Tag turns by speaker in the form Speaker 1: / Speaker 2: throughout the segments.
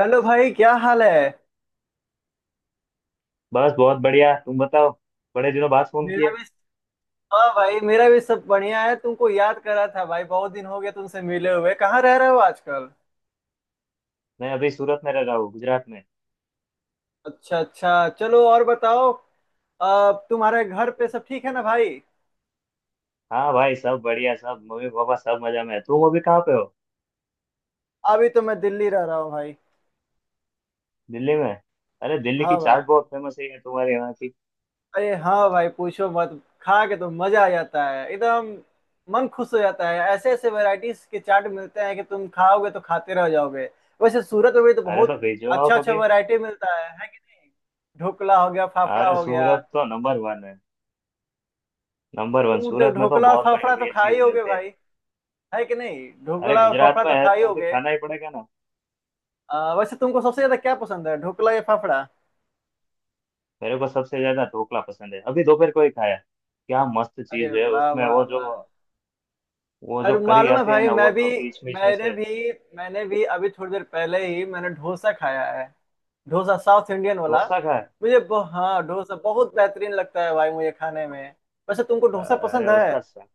Speaker 1: Hello भाई, क्या हाल है।
Speaker 2: बस बहुत बढ़िया। तुम बताओ। बड़े दिनों बाद फोन
Speaker 1: मेरा
Speaker 2: किया।
Speaker 1: भी। हाँ भाई, मेरा भी सब बढ़िया है। तुमको याद करा था भाई, बहुत दिन हो गया तुमसे मिले हुए। कहाँ रह रहे हो आजकल?
Speaker 2: मैं अभी सूरत में रह रहा हूँ, गुजरात में।
Speaker 1: अच्छा अच्छा, चलो और बताओ। अब तुम्हारे घर पे सब ठीक है ना भाई?
Speaker 2: हाँ भाई, सब बढ़िया, सब मम्मी पापा सब मजा में है। तुम अभी कहाँ पे हो?
Speaker 1: अभी तो मैं दिल्ली रह रहा हूँ भाई।
Speaker 2: दिल्ली में? अरे दिल्ली की
Speaker 1: हाँ भाई।
Speaker 2: चाट बहुत फेमस है यार, तुम्हारे यहाँ की।
Speaker 1: अरे हाँ भाई, पूछो मत, खा के तो मजा आ जाता है एकदम। मन खुश हो जाता है। ऐसे ऐसे वैरायटीज के चाट मिलते हैं कि तुम खाओगे तो खाते रह जाओगे। वैसे सूरत में भी तो
Speaker 2: अरे तो
Speaker 1: बहुत
Speaker 2: भेजो, आओ
Speaker 1: अच्छा अच्छा
Speaker 2: कभी।
Speaker 1: वैरायटी मिलता है कि नहीं? ढोकला हो गया, फाफड़ा
Speaker 2: अरे
Speaker 1: हो गया।
Speaker 2: सूरत तो नंबर वन है, नंबर वन।
Speaker 1: तुम
Speaker 2: सूरत में तो
Speaker 1: ढोकला और
Speaker 2: बहुत बढ़िया
Speaker 1: फाफड़ा तो
Speaker 2: बढ़िया
Speaker 1: खाए ही
Speaker 2: चीज
Speaker 1: होगे
Speaker 2: मिलते हैं।
Speaker 1: भाई। है कि नहीं,
Speaker 2: अरे
Speaker 1: ढोकला और
Speaker 2: गुजरात
Speaker 1: फाफड़ा
Speaker 2: में
Speaker 1: तो
Speaker 2: है
Speaker 1: खाए ही
Speaker 2: तो अभी
Speaker 1: होगे?
Speaker 2: खाना ही पड़ेगा ना।
Speaker 1: वैसे तुमको सबसे ज्यादा क्या पसंद है, ढोकला या फाफड़ा?
Speaker 2: मेरे को सबसे ज्यादा ढोकला पसंद है, अभी दोपहर को ही खाया। क्या मस्त
Speaker 1: अरे
Speaker 2: चीज है
Speaker 1: वाह
Speaker 2: उसमें।
Speaker 1: वाह
Speaker 2: वो जो
Speaker 1: वाह।
Speaker 2: वो जो
Speaker 1: और
Speaker 2: करी
Speaker 1: मालूम है
Speaker 2: आती है
Speaker 1: भाई,
Speaker 2: ना,
Speaker 1: मैं
Speaker 2: वो
Speaker 1: भी
Speaker 2: जो बीच बीच में
Speaker 1: मैंने
Speaker 2: से।
Speaker 1: भी मैंने भी अभी थोड़ी देर पहले ही मैंने डोसा खाया है। डोसा साउथ इंडियन वाला।
Speaker 2: डोसा खाया।
Speaker 1: हाँ, डोसा बहुत बेहतरीन लगता है भाई मुझे खाने में। वैसे तुमको डोसा
Speaker 2: अरे
Speaker 1: पसंद है?
Speaker 2: उसका सा-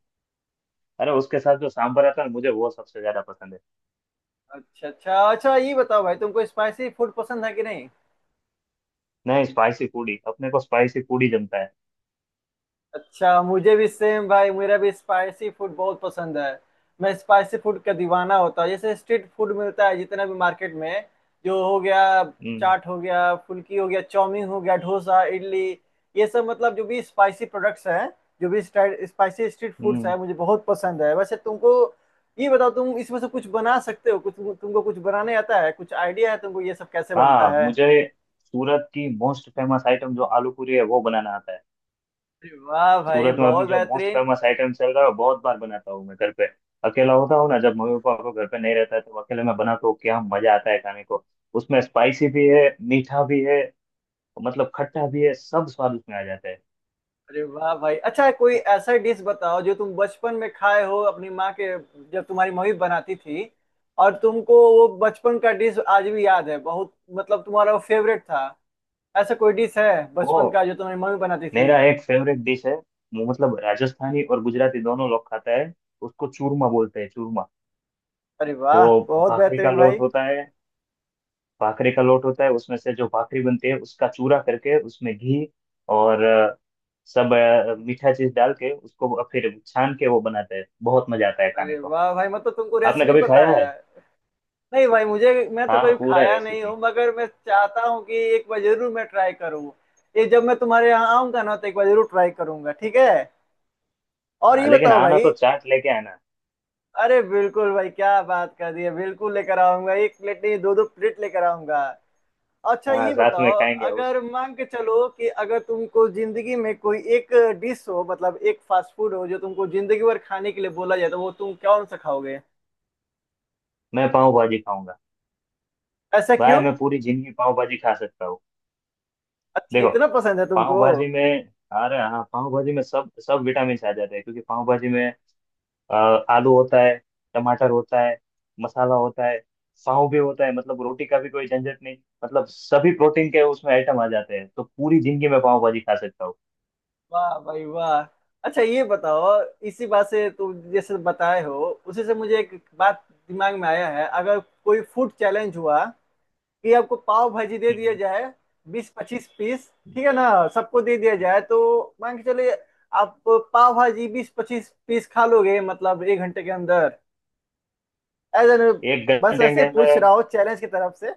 Speaker 2: अरे उसके साथ जो सांभर आता है ना, मुझे वो सबसे ज्यादा पसंद है।
Speaker 1: अच्छा अच्छा अच्छा, ये बताओ भाई तुमको स्पाइसी फूड पसंद है कि नहीं?
Speaker 2: नहीं स्पाइसी फूड ही, अपने को स्पाइसी फूड ही जमता है।
Speaker 1: अच्छा, मुझे भी सेम भाई, मेरा भी स्पाइसी फूड बहुत पसंद है। मैं स्पाइसी फूड का दीवाना होता हूँ। जैसे स्ट्रीट फूड मिलता है जितना भी मार्केट में, जो हो गया
Speaker 2: हम्म
Speaker 1: चाट हो गया, फुल्की हो गया, चाउमीन हो गया, डोसा, इडली, ये सब मतलब जो भी स्पाइसी प्रोडक्ट्स हैं, जो भी स्पाइसी स्ट्रीट फूड्स
Speaker 2: हम्म।
Speaker 1: हैं, मुझे बहुत पसंद है। वैसे तुमको ये बताओ, तुम इसमें से कुछ बना सकते हो? कुछ तुमको कुछ बनाने आता है? कुछ आइडिया है तुमको ये सब कैसे बनता
Speaker 2: हाँ
Speaker 1: है?
Speaker 2: मुझे। सूरत की मोस्ट फेमस आइटम जो आलू पूरी है, वो बनाना आता है।
Speaker 1: अरे वाह भाई,
Speaker 2: सूरत में अभी
Speaker 1: बहुत
Speaker 2: जो मोस्ट
Speaker 1: बेहतरीन।
Speaker 2: फेमस आइटम चल रहा है वो बहुत बार बनाता हूँ मैं घर पे। अकेला होता हूँ ना, जब मम्मी पापा को घर पे नहीं रहता है तो अकेले में बनाता हूँ। क्या मजा आता है खाने को। उसमें स्पाइसी भी है, मीठा भी है, मतलब खट्टा भी है, सब स्वाद उसमें आ जाता है।
Speaker 1: अरे वाह भाई, अच्छा कोई ऐसा डिश बताओ जो तुम बचपन में खाए हो अपनी माँ के, जब तुम्हारी मम्मी बनाती थी, और तुमको वो बचपन का डिश आज भी याद है, बहुत मतलब तुम्हारा वो फेवरेट था। ऐसा कोई डिश है
Speaker 2: वो
Speaker 1: बचपन का जो तुम्हारी मम्मी बनाती थी?
Speaker 2: मेरा एक फेवरेट डिश है, वो मतलब राजस्थानी और गुजराती दोनों लोग खाता है। उसको चूरमा बोलते हैं, चूरमा।
Speaker 1: अरे
Speaker 2: वो
Speaker 1: वाह, बहुत
Speaker 2: भाखरी का
Speaker 1: बेहतरीन
Speaker 2: लोट
Speaker 1: भाई।
Speaker 2: होता है। भाखरी का लोट होता है, उसमें से जो भाखरी बनती है उसका चूरा करके उसमें घी और सब मीठा चीज डाल के उसको फिर छान के वो बनाते हैं। बहुत मजा आता है खाने
Speaker 1: अरे
Speaker 2: को।
Speaker 1: वाह भाई, मतलब तुमको
Speaker 2: आपने
Speaker 1: रेसिपी
Speaker 2: कभी
Speaker 1: पता
Speaker 2: खाया है?
Speaker 1: है। नहीं भाई, मुझे मैं तो
Speaker 2: हाँ
Speaker 1: कभी
Speaker 2: पूरा
Speaker 1: खाया नहीं हूँ,
Speaker 2: रेसिपी।
Speaker 1: मगर मैं चाहता हूँ कि एक बार जरूर मैं ट्राई करूँ। ये जब मैं तुम्हारे यहाँ आऊंगा ना, तो एक बार जरूर ट्राई करूंगा, ठीक है। और
Speaker 2: हाँ
Speaker 1: ये
Speaker 2: लेकिन
Speaker 1: बताओ
Speaker 2: आना
Speaker 1: भाई।
Speaker 2: तो चाट लेके आना।
Speaker 1: अरे बिल्कुल भाई, क्या बात कर दी है, बिल्कुल लेकर आऊंगा, एक प्लेट नहीं, दो दो प्लेट लेकर आऊंगा। अच्छा
Speaker 2: हाँ
Speaker 1: ये
Speaker 2: साथ
Speaker 1: बताओ,
Speaker 2: में खाएंगे उस।
Speaker 1: अगर मान के चलो कि अगर तुमको जिंदगी में कोई एक डिश हो, मतलब एक फास्ट फूड हो जो तुमको जिंदगी भर खाने के लिए बोला जाए, तो वो तुम कौन सा खाओगे?
Speaker 2: मैं पाव भाजी खाऊंगा।
Speaker 1: ऐसा
Speaker 2: भाई
Speaker 1: क्यों?
Speaker 2: मैं पूरी जिंदगी पाव भाजी खा सकता हूँ।
Speaker 1: अच्छा,
Speaker 2: देखो,
Speaker 1: इतना पसंद है
Speaker 2: पाव
Speaker 1: तुमको।
Speaker 2: भाजी में। अरे हाँ, पाव भाजी में सब सब विटामिन आ जाते हैं क्योंकि पाव भाजी में अ, आलू होता है, टमाटर होता है, मसाला होता है, पाव भी होता है, मतलब रोटी का भी कोई झंझट नहीं। मतलब सभी प्रोटीन के उसमें आइटम आ जाते हैं, तो पूरी जिंदगी में पाव भाजी खा सकता हूँ।
Speaker 1: वाह भाई वाह। अच्छा ये बताओ, इसी बात से तुम जैसे बताए हो, उसी से मुझे एक बात दिमाग में आया है, अगर कोई फूड चैलेंज हुआ कि आपको पाव भाजी दे दिया
Speaker 2: हम्म,
Speaker 1: जाए, 20-25 पीस,
Speaker 2: हम्म।
Speaker 1: ठीक है ना, सबको दे दिया जाए, तो मान के चलिए आप पाव भाजी 20-25 पीस खा लोगे मतलब 1 घंटे के अंदर। एज एन,
Speaker 2: एक
Speaker 1: बस
Speaker 2: घंटे के
Speaker 1: ऐसे पूछ
Speaker 2: अंदर।
Speaker 1: रहा हूँ, चैलेंज की तरफ से।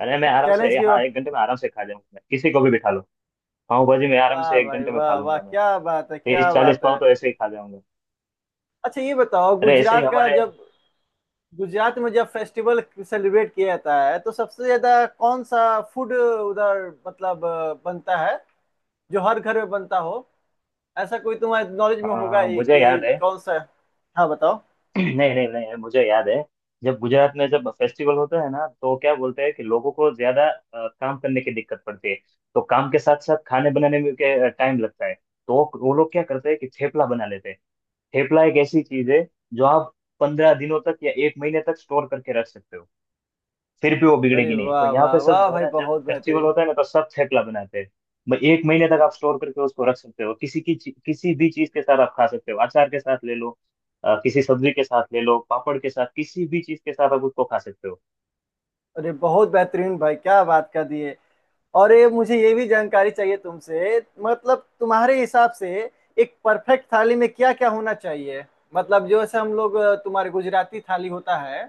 Speaker 2: अरे मैं आराम
Speaker 1: चैलेंज
Speaker 2: से,
Speaker 1: की।
Speaker 2: हाँ एक घंटे में आराम से खा जाऊंगा, मैं किसी को भी बिठा लो। पाव भाजी में आराम
Speaker 1: वाह
Speaker 2: से एक
Speaker 1: भाई
Speaker 2: घंटे में खा
Speaker 1: वाह वाह,
Speaker 2: लूंगा मैं।
Speaker 1: क्या बात है, क्या
Speaker 2: 30 40
Speaker 1: बात है।
Speaker 2: पाव तो ऐसे ही खा जाऊंगा।
Speaker 1: अच्छा ये बताओ,
Speaker 2: अरे ऐसे ही
Speaker 1: गुजरात का
Speaker 2: हमारे
Speaker 1: जब, गुजरात में जब फेस्टिवल सेलिब्रेट किया जाता है, तो सबसे ज्यादा कौन सा फूड उधर मतलब बनता है, जो हर घर में बनता हो? ऐसा कोई तुम्हारे नॉलेज में होगा ये
Speaker 2: मुझे
Speaker 1: कि
Speaker 2: याद है।
Speaker 1: कौन सा है? हाँ बताओ।
Speaker 2: नहीं नहीं नहीं मुझे याद है। जब गुजरात में जब फेस्टिवल होता है ना तो क्या बोलते हैं कि लोगों को ज्यादा काम करने की दिक्कत पड़ती है। तो काम के साथ साथ खाने बनाने में के टाइम लगता है, तो वो लोग क्या करते हैं कि थेपला बना लेते हैं। थेपला एक ऐसी चीज है जो आप 15 दिनों तक या एक महीने तक स्टोर करके रख सकते हो, फिर भी वो
Speaker 1: अरे
Speaker 2: बिगड़ेगी नहीं। तो
Speaker 1: वाह
Speaker 2: यहाँ
Speaker 1: वाह
Speaker 2: पे सब
Speaker 1: वाह भाई,
Speaker 2: ज्यादा जब
Speaker 1: बहुत
Speaker 2: फेस्टिवल
Speaker 1: बेहतरीन।
Speaker 2: होता है ना तो सब थेपला बनाते हैं। भाई एक महीने तक आप स्टोर करके उसको रख सकते हो। किसी भी चीज के साथ आप खा सकते हो, अचार के साथ ले लो, किसी सब्जी के साथ ले लो, पापड़ के साथ, किसी भी चीज के साथ आप उसको खा सकते हो।
Speaker 1: अरे बहुत बेहतरीन भाई, क्या बात कर दिए। और ये मुझे ये भी जानकारी चाहिए तुमसे, मतलब तुम्हारे हिसाब से एक परफेक्ट थाली में क्या क्या होना चाहिए? मतलब जो ऐसे हम लोग तुम्हारे गुजराती थाली होता है,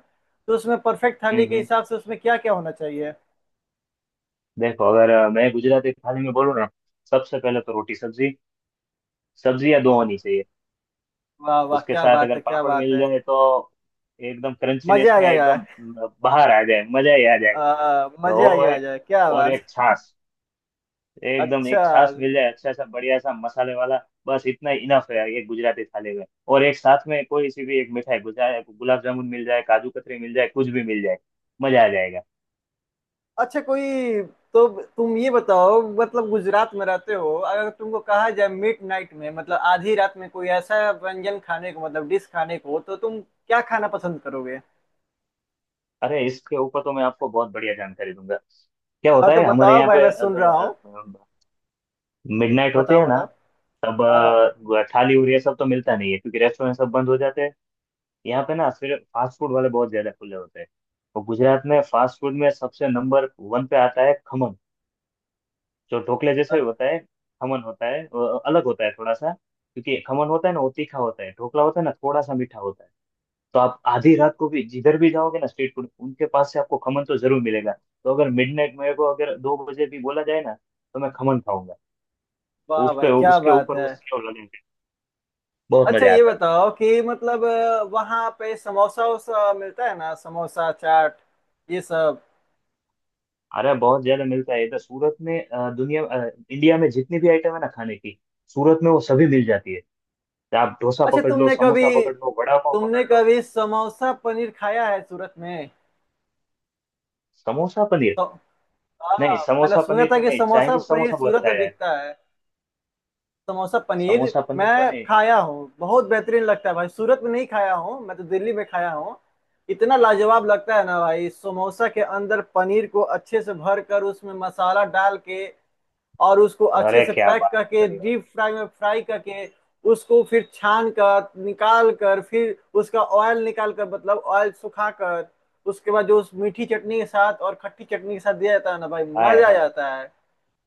Speaker 1: तो उसमें परफेक्ट
Speaker 2: हम्म
Speaker 1: थाली के
Speaker 2: हम्म।
Speaker 1: हिसाब से उसमें क्या क्या होना चाहिए?
Speaker 2: देखो, अगर मैं गुजराती थाली में बोलूँ ना, सबसे पहले तो रोटी सब्जी, सब्जी या दो होनी चाहिए।
Speaker 1: वाह वाह,
Speaker 2: उसके
Speaker 1: क्या
Speaker 2: साथ
Speaker 1: बात
Speaker 2: अगर
Speaker 1: है, क्या
Speaker 2: पापड़
Speaker 1: बात
Speaker 2: मिल
Speaker 1: है।
Speaker 2: जाए तो एकदम
Speaker 1: मजे
Speaker 2: क्रंचीनेस
Speaker 1: आ
Speaker 2: में
Speaker 1: गया
Speaker 2: एकदम
Speaker 1: यार।
Speaker 2: बाहर आ जाए, मजा ही आ जाए। तो
Speaker 1: मजे आ
Speaker 2: वो
Speaker 1: गया
Speaker 2: एक,
Speaker 1: यार, क्या
Speaker 2: और
Speaker 1: बात।
Speaker 2: एक छाछ, एकदम
Speaker 1: अच्छा।
Speaker 2: एक छाछ मिल जाए अच्छा सा बढ़िया सा मसाले वाला। बस इतना इनफ है ये गुजराती थाली में। और एक साथ में कोई सी भी एक मिठाई, गुजरा गुलाब जामुन मिल जाए, काजू कतरी मिल जाए, कुछ भी मिल जाए, मजा आ जाएगा।
Speaker 1: अच्छा कोई, तो तुम ये बताओ, मतलब गुजरात में रहते हो, अगर तुमको कहा जाए मिड नाइट में, मतलब आधी रात में कोई ऐसा व्यंजन खाने को, मतलब डिश खाने को, तो तुम क्या खाना पसंद करोगे?
Speaker 2: अरे इसके ऊपर तो मैं आपको बहुत बढ़िया जानकारी दूंगा। क्या
Speaker 1: हाँ
Speaker 2: होता
Speaker 1: तो
Speaker 2: है हमारे
Speaker 1: बताओ
Speaker 2: यहाँ
Speaker 1: भाई, मैं
Speaker 2: पे,
Speaker 1: सुन रहा हूँ।
Speaker 2: अगर मिडनाइट होते
Speaker 1: बताओ
Speaker 2: हैं ना,
Speaker 1: बताओ।
Speaker 2: तब
Speaker 1: हाँ।
Speaker 2: थाली और ये सब तो मिलता नहीं है क्योंकि रेस्टोरेंट सब बंद हो जाते हैं यहाँ पे ना, फिर फास्ट फूड वाले बहुत ज्यादा खुले होते हैं। और गुजरात में फास्ट फूड में सबसे नंबर वन पे आता है खमन, जो ढोकले जैसा
Speaker 1: अ-
Speaker 2: ही होता है। खमन होता है, अलग होता है थोड़ा सा, क्योंकि खमन होता है ना वो तीखा होता है, ढोकला होता है ना थोड़ा सा मीठा होता है। तो आप आधी रात को भी जिधर भी जाओगे ना, स्ट्रीट फूड उनके पास से आपको खमन तो जरूर मिलेगा। तो अगर मिडनाइट मेरे को अगर 2 बजे भी बोला जाए ना, तो मैं खमन खाऊंगा।
Speaker 1: वाह
Speaker 2: उस
Speaker 1: भाई,
Speaker 2: पे,
Speaker 1: क्या
Speaker 2: उसके
Speaker 1: बात
Speaker 2: ऊपर वो
Speaker 1: है।
Speaker 2: सेव लगेंगे, बहुत
Speaker 1: अच्छा
Speaker 2: मजा
Speaker 1: ये
Speaker 2: आता है।
Speaker 1: बताओ कि मतलब वहाँ पे समोसा वोसा मिलता है ना, समोसा चाट, ये सब।
Speaker 2: अरे बहुत ज्यादा मिलता है इधर सूरत में। दुनिया इंडिया में जितनी भी आइटम है ना खाने की, सूरत में वो सभी मिल जाती है। आप डोसा
Speaker 1: अच्छा
Speaker 2: पकड़ लो,
Speaker 1: तुमने कभी
Speaker 2: समोसा पकड़ लो, वड़ा पाव पकड़
Speaker 1: तुमने
Speaker 2: लो।
Speaker 1: कभी समोसा पनीर खाया है सूरत में?
Speaker 2: समोसा पनीर?
Speaker 1: तो
Speaker 2: नहीं,
Speaker 1: हाँ, मैंने
Speaker 2: समोसा
Speaker 1: सुना
Speaker 2: पनीर
Speaker 1: था
Speaker 2: तो
Speaker 1: कि
Speaker 2: नहीं,
Speaker 1: समोसा
Speaker 2: चाइनीज
Speaker 1: पनीर
Speaker 2: समोसा बहुत
Speaker 1: सूरत में
Speaker 2: खाया है।
Speaker 1: बिकता है। समोसा पनीर
Speaker 2: समोसा पनीर तो
Speaker 1: मैं
Speaker 2: नहीं।
Speaker 1: खाया हूँ, बहुत बेहतरीन लगता है भाई। सूरत में नहीं खाया हूँ, मैं तो दिल्ली में खाया हूँ। इतना लाजवाब लगता है ना भाई, समोसा के अंदर पनीर को अच्छे से भर कर, उसमें मसाला डाल के, और उसको अच्छे
Speaker 2: अरे
Speaker 1: से
Speaker 2: क्या
Speaker 1: पैक
Speaker 2: बात
Speaker 1: करके
Speaker 2: कर रहे हो!
Speaker 1: डीप फ्राई में फ्राई करके, उसको फिर छान कर निकाल कर, फिर उसका ऑयल निकाल कर, मतलब ऑयल सुखा कर, उसके बाद जो उस मीठी चटनी के साथ और खट्टी चटनी के साथ दिया जाता है ना भाई,
Speaker 2: हाय
Speaker 1: मजा आ
Speaker 2: हाय।
Speaker 1: जाता है।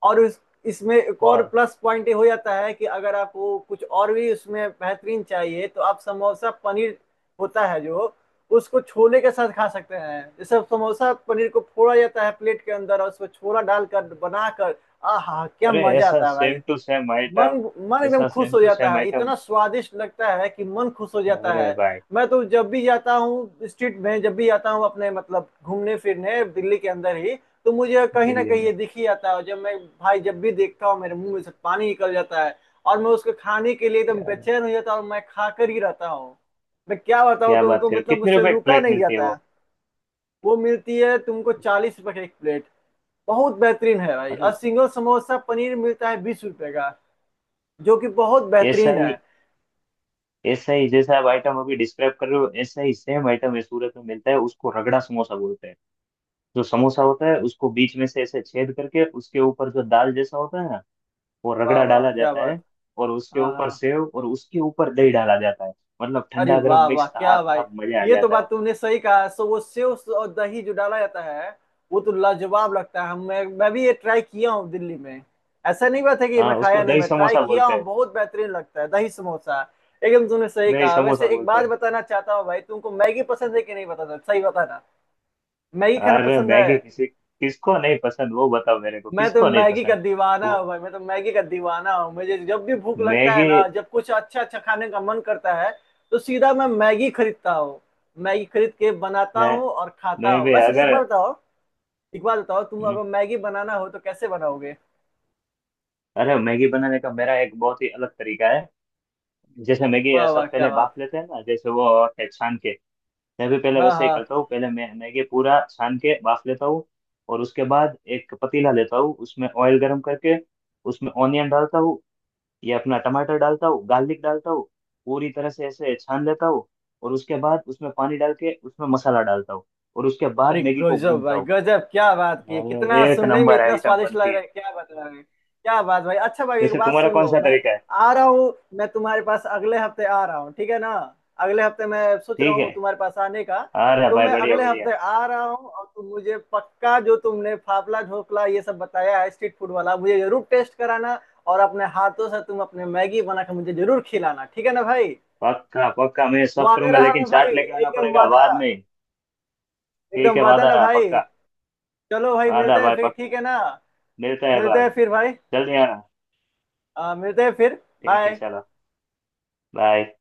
Speaker 1: और उस इसमें एक और
Speaker 2: बहुत।
Speaker 1: प्लस पॉइंट ये हो जाता है कि अगर आपको कुछ और भी उसमें बेहतरीन चाहिए, तो आप समोसा पनीर होता है जो, उसको छोले के साथ खा सकते हैं। जैसे समोसा पनीर को फोड़ा जाता है प्लेट के अंदर और उसको छोला डालकर बनाकर, आहा, क्या
Speaker 2: अरे
Speaker 1: मजा
Speaker 2: ऐसा
Speaker 1: आता है
Speaker 2: सेम
Speaker 1: भाई।
Speaker 2: टू सेम
Speaker 1: मन
Speaker 2: आइटम।
Speaker 1: मन एकदम
Speaker 2: ऐसा
Speaker 1: खुश
Speaker 2: सेम
Speaker 1: हो
Speaker 2: टू
Speaker 1: जाता
Speaker 2: सेम
Speaker 1: है,
Speaker 2: आइटम।
Speaker 1: इतना स्वादिष्ट लगता है कि मन खुश हो जाता है।
Speaker 2: अरे भाई।
Speaker 1: मैं तो जब भी जाता हूँ स्ट्रीट में, जब भी जाता हूँ अपने मतलब घूमने फिरने दिल्ली के अंदर ही, तो मुझे कहीं ना
Speaker 2: दिल्ली
Speaker 1: कहीं
Speaker 2: में?
Speaker 1: ये दिख ही आता है। और जब मैं भाई जब भी देखता हूँ, मेरे मुंह में से पानी निकल जाता है। और मैं उसको खाने के लिए एकदम
Speaker 2: क्या बात-
Speaker 1: बेचैन हो जाता हूँ, और मैं खा कर ही रहता हूँ। मैं क्या बताऊँ
Speaker 2: क्या बात
Speaker 1: तुमको,
Speaker 2: कर रहे हो?
Speaker 1: मतलब
Speaker 2: कितने
Speaker 1: मुझसे
Speaker 2: रुपए एक
Speaker 1: रुका
Speaker 2: प्लेट
Speaker 1: नहीं
Speaker 2: मिलती है
Speaker 1: जाता है।
Speaker 2: वो?
Speaker 1: वो मिलती है तुमको 40 रुपए की एक प्लेट, बहुत बेहतरीन है भाई। और
Speaker 2: मतलब।
Speaker 1: सिंगल समोसा पनीर मिलता है 20 रुपए का, जो कि बहुत
Speaker 2: ऐसा
Speaker 1: बेहतरीन है।
Speaker 2: ही, ऐसा ही जैसा आप आइटम अभी डिस्क्राइब कर रहे हो, ऐसा ही सेम आइटम है सूरत में मिलता है, उसको रगड़ा समोसा बोलते हैं। जो समोसा होता है उसको बीच में से ऐसे छेद करके, उसके ऊपर जो दाल जैसा होता है ना, वो
Speaker 1: वाह
Speaker 2: रगड़ा
Speaker 1: वाह
Speaker 2: डाला
Speaker 1: क्या
Speaker 2: जाता है।
Speaker 1: बात।
Speaker 2: और उसके
Speaker 1: हाँ
Speaker 2: ऊपर
Speaker 1: हाँ।
Speaker 2: सेव, और उसके ऊपर दही डाला जाता है। मतलब
Speaker 1: अरे
Speaker 2: ठंडा गर्म
Speaker 1: वाह वाह,
Speaker 2: मिक्स, हाँ
Speaker 1: क्या भाई,
Speaker 2: क्या मजा आ
Speaker 1: ये तो
Speaker 2: जाता है।
Speaker 1: बात तुमने सही कहा। सो वो सेव और दही जो डाला जाता है, वो तो लाजवाब लगता है। मैं भी ये ट्राई किया हूँ दिल्ली में। ऐसा नहीं बात है कि मैं
Speaker 2: हाँ
Speaker 1: खाया
Speaker 2: उसको
Speaker 1: नहीं,
Speaker 2: दही
Speaker 1: मैं ट्राई
Speaker 2: समोसा
Speaker 1: किया
Speaker 2: बोलते
Speaker 1: हूँ,
Speaker 2: हैं।
Speaker 1: बहुत बेहतरीन लगता है दही समोसा। एकदम तुमने सही
Speaker 2: दही
Speaker 1: कहा।
Speaker 2: समोसा
Speaker 1: वैसे एक
Speaker 2: बोलते
Speaker 1: बात
Speaker 2: हैं।
Speaker 1: बताना चाहता हूँ भाई, तुमको मैगी पसंद है कि नहीं, बताना, सही बताना। मैगी खाना
Speaker 2: अरे
Speaker 1: पसंद
Speaker 2: मैगी
Speaker 1: है?
Speaker 2: किसी किसको नहीं पसंद, वो बताओ मेरे को,
Speaker 1: मैं तो
Speaker 2: किसको नहीं
Speaker 1: मैगी का
Speaker 2: पसंद।
Speaker 1: दीवाना
Speaker 2: वो
Speaker 1: हूँ भाई, मैं तो मैगी का दीवाना हूँ। मुझे जब भी भूख लगता है
Speaker 2: मैगी।
Speaker 1: ना, जब कुछ अच्छा अच्छा खाने का मन करता है, तो सीधा मैं मैगी खरीदता हूँ। मैगी खरीद के बनाता
Speaker 2: मैं
Speaker 1: हूँ और खाता
Speaker 2: मैं
Speaker 1: हूँ।
Speaker 2: भी
Speaker 1: वैसे तो एक
Speaker 2: अगर।
Speaker 1: बार बताओ, एक बार बताओ, तुम
Speaker 2: हम्म,
Speaker 1: अगर मैगी बनाना हो तो कैसे बनाओगे?
Speaker 2: अरे मैगी बनाने का मेरा एक बहुत ही अलग तरीका है। जैसे मैगी
Speaker 1: वाह वाह
Speaker 2: सब
Speaker 1: क्या
Speaker 2: पहले
Speaker 1: बात।
Speaker 2: भाप लेते हैं ना, जैसे वो होते हैं छान के। मैं भी पहले
Speaker 1: हाँ
Speaker 2: वैसे ही
Speaker 1: हाँ।
Speaker 2: करता हूँ, पहले मैं मैगी पूरा छान के बाफ लेता हूँ। और उसके बाद एक पतीला लेता हूँ, उसमें ऑयल गर्म करके उसमें ऑनियन डालता हूँ, या अपना टमाटर डालता हूँ, गार्लिक डालता हूँ, पूरी तरह से ऐसे छान लेता हूँ। और उसके बाद उसमें पानी डाल के उसमें मसाला डालता हूँ। और उसके बाद
Speaker 1: अरे
Speaker 2: मैगी को
Speaker 1: गजब
Speaker 2: भूनता
Speaker 1: भाई
Speaker 2: हूँ।
Speaker 1: गजब, क्या बात की है,
Speaker 2: भाई,
Speaker 1: कितना
Speaker 2: एक
Speaker 1: सुनने में
Speaker 2: नंबर
Speaker 1: इतना
Speaker 2: आइटम
Speaker 1: स्वादिष्ट लग
Speaker 2: बनती
Speaker 1: रहा
Speaker 2: है।
Speaker 1: है, क्या बता रहे हैं। क्या बात भाई। अच्छा भाई, एक
Speaker 2: जैसे
Speaker 1: बात
Speaker 2: तुम्हारा
Speaker 1: सुन
Speaker 2: कौन
Speaker 1: लो,
Speaker 2: सा
Speaker 1: मैं
Speaker 2: तरीका है?
Speaker 1: आ रहा हूँ, मैं तुम्हारे पास अगले हफ्ते आ रहा हूँ, ठीक है ना। अगले हफ्ते मैं सोच रहा
Speaker 2: ठीक है।
Speaker 1: हूँ तुम्हारे पास आने का।
Speaker 2: अरे
Speaker 1: तो
Speaker 2: भाई
Speaker 1: मैं
Speaker 2: बढ़िया
Speaker 1: अगले
Speaker 2: बढ़िया।
Speaker 1: हफ्ते आ रहा हूँ, और तुम मुझे पक्का जो तुमने फाफला ढोकला ये सब बताया है स्ट्रीट फूड वाला, मुझे जरूर टेस्ट कराना। और अपने हाथों से तुम अपने मैगी बनाकर मुझे जरूर खिलाना, ठीक है ना भाई?
Speaker 2: पक्का पक्का मैं सब
Speaker 1: वादा
Speaker 2: करूंगा,
Speaker 1: रहा
Speaker 2: लेकिन
Speaker 1: ना भाई,
Speaker 2: चाट लेके आना
Speaker 1: एकदम
Speaker 2: पड़ेगा
Speaker 1: वादा।
Speaker 2: बाद में।
Speaker 1: एकदम
Speaker 2: ठीक है
Speaker 1: वादा
Speaker 2: वादा
Speaker 1: ना
Speaker 2: रहा
Speaker 1: भाई।
Speaker 2: पक्का।
Speaker 1: चलो भाई,
Speaker 2: वादा
Speaker 1: मिलते हैं
Speaker 2: भाई
Speaker 1: फिर, ठीक
Speaker 2: पक्का।
Speaker 1: है ना।
Speaker 2: मिलते हैं
Speaker 1: मिलते
Speaker 2: भाई।
Speaker 1: हैं फिर भाई।
Speaker 2: जल्दी आना।
Speaker 1: मिलते हैं फिर,
Speaker 2: ठीक है
Speaker 1: बाय।
Speaker 2: चलो। बाय।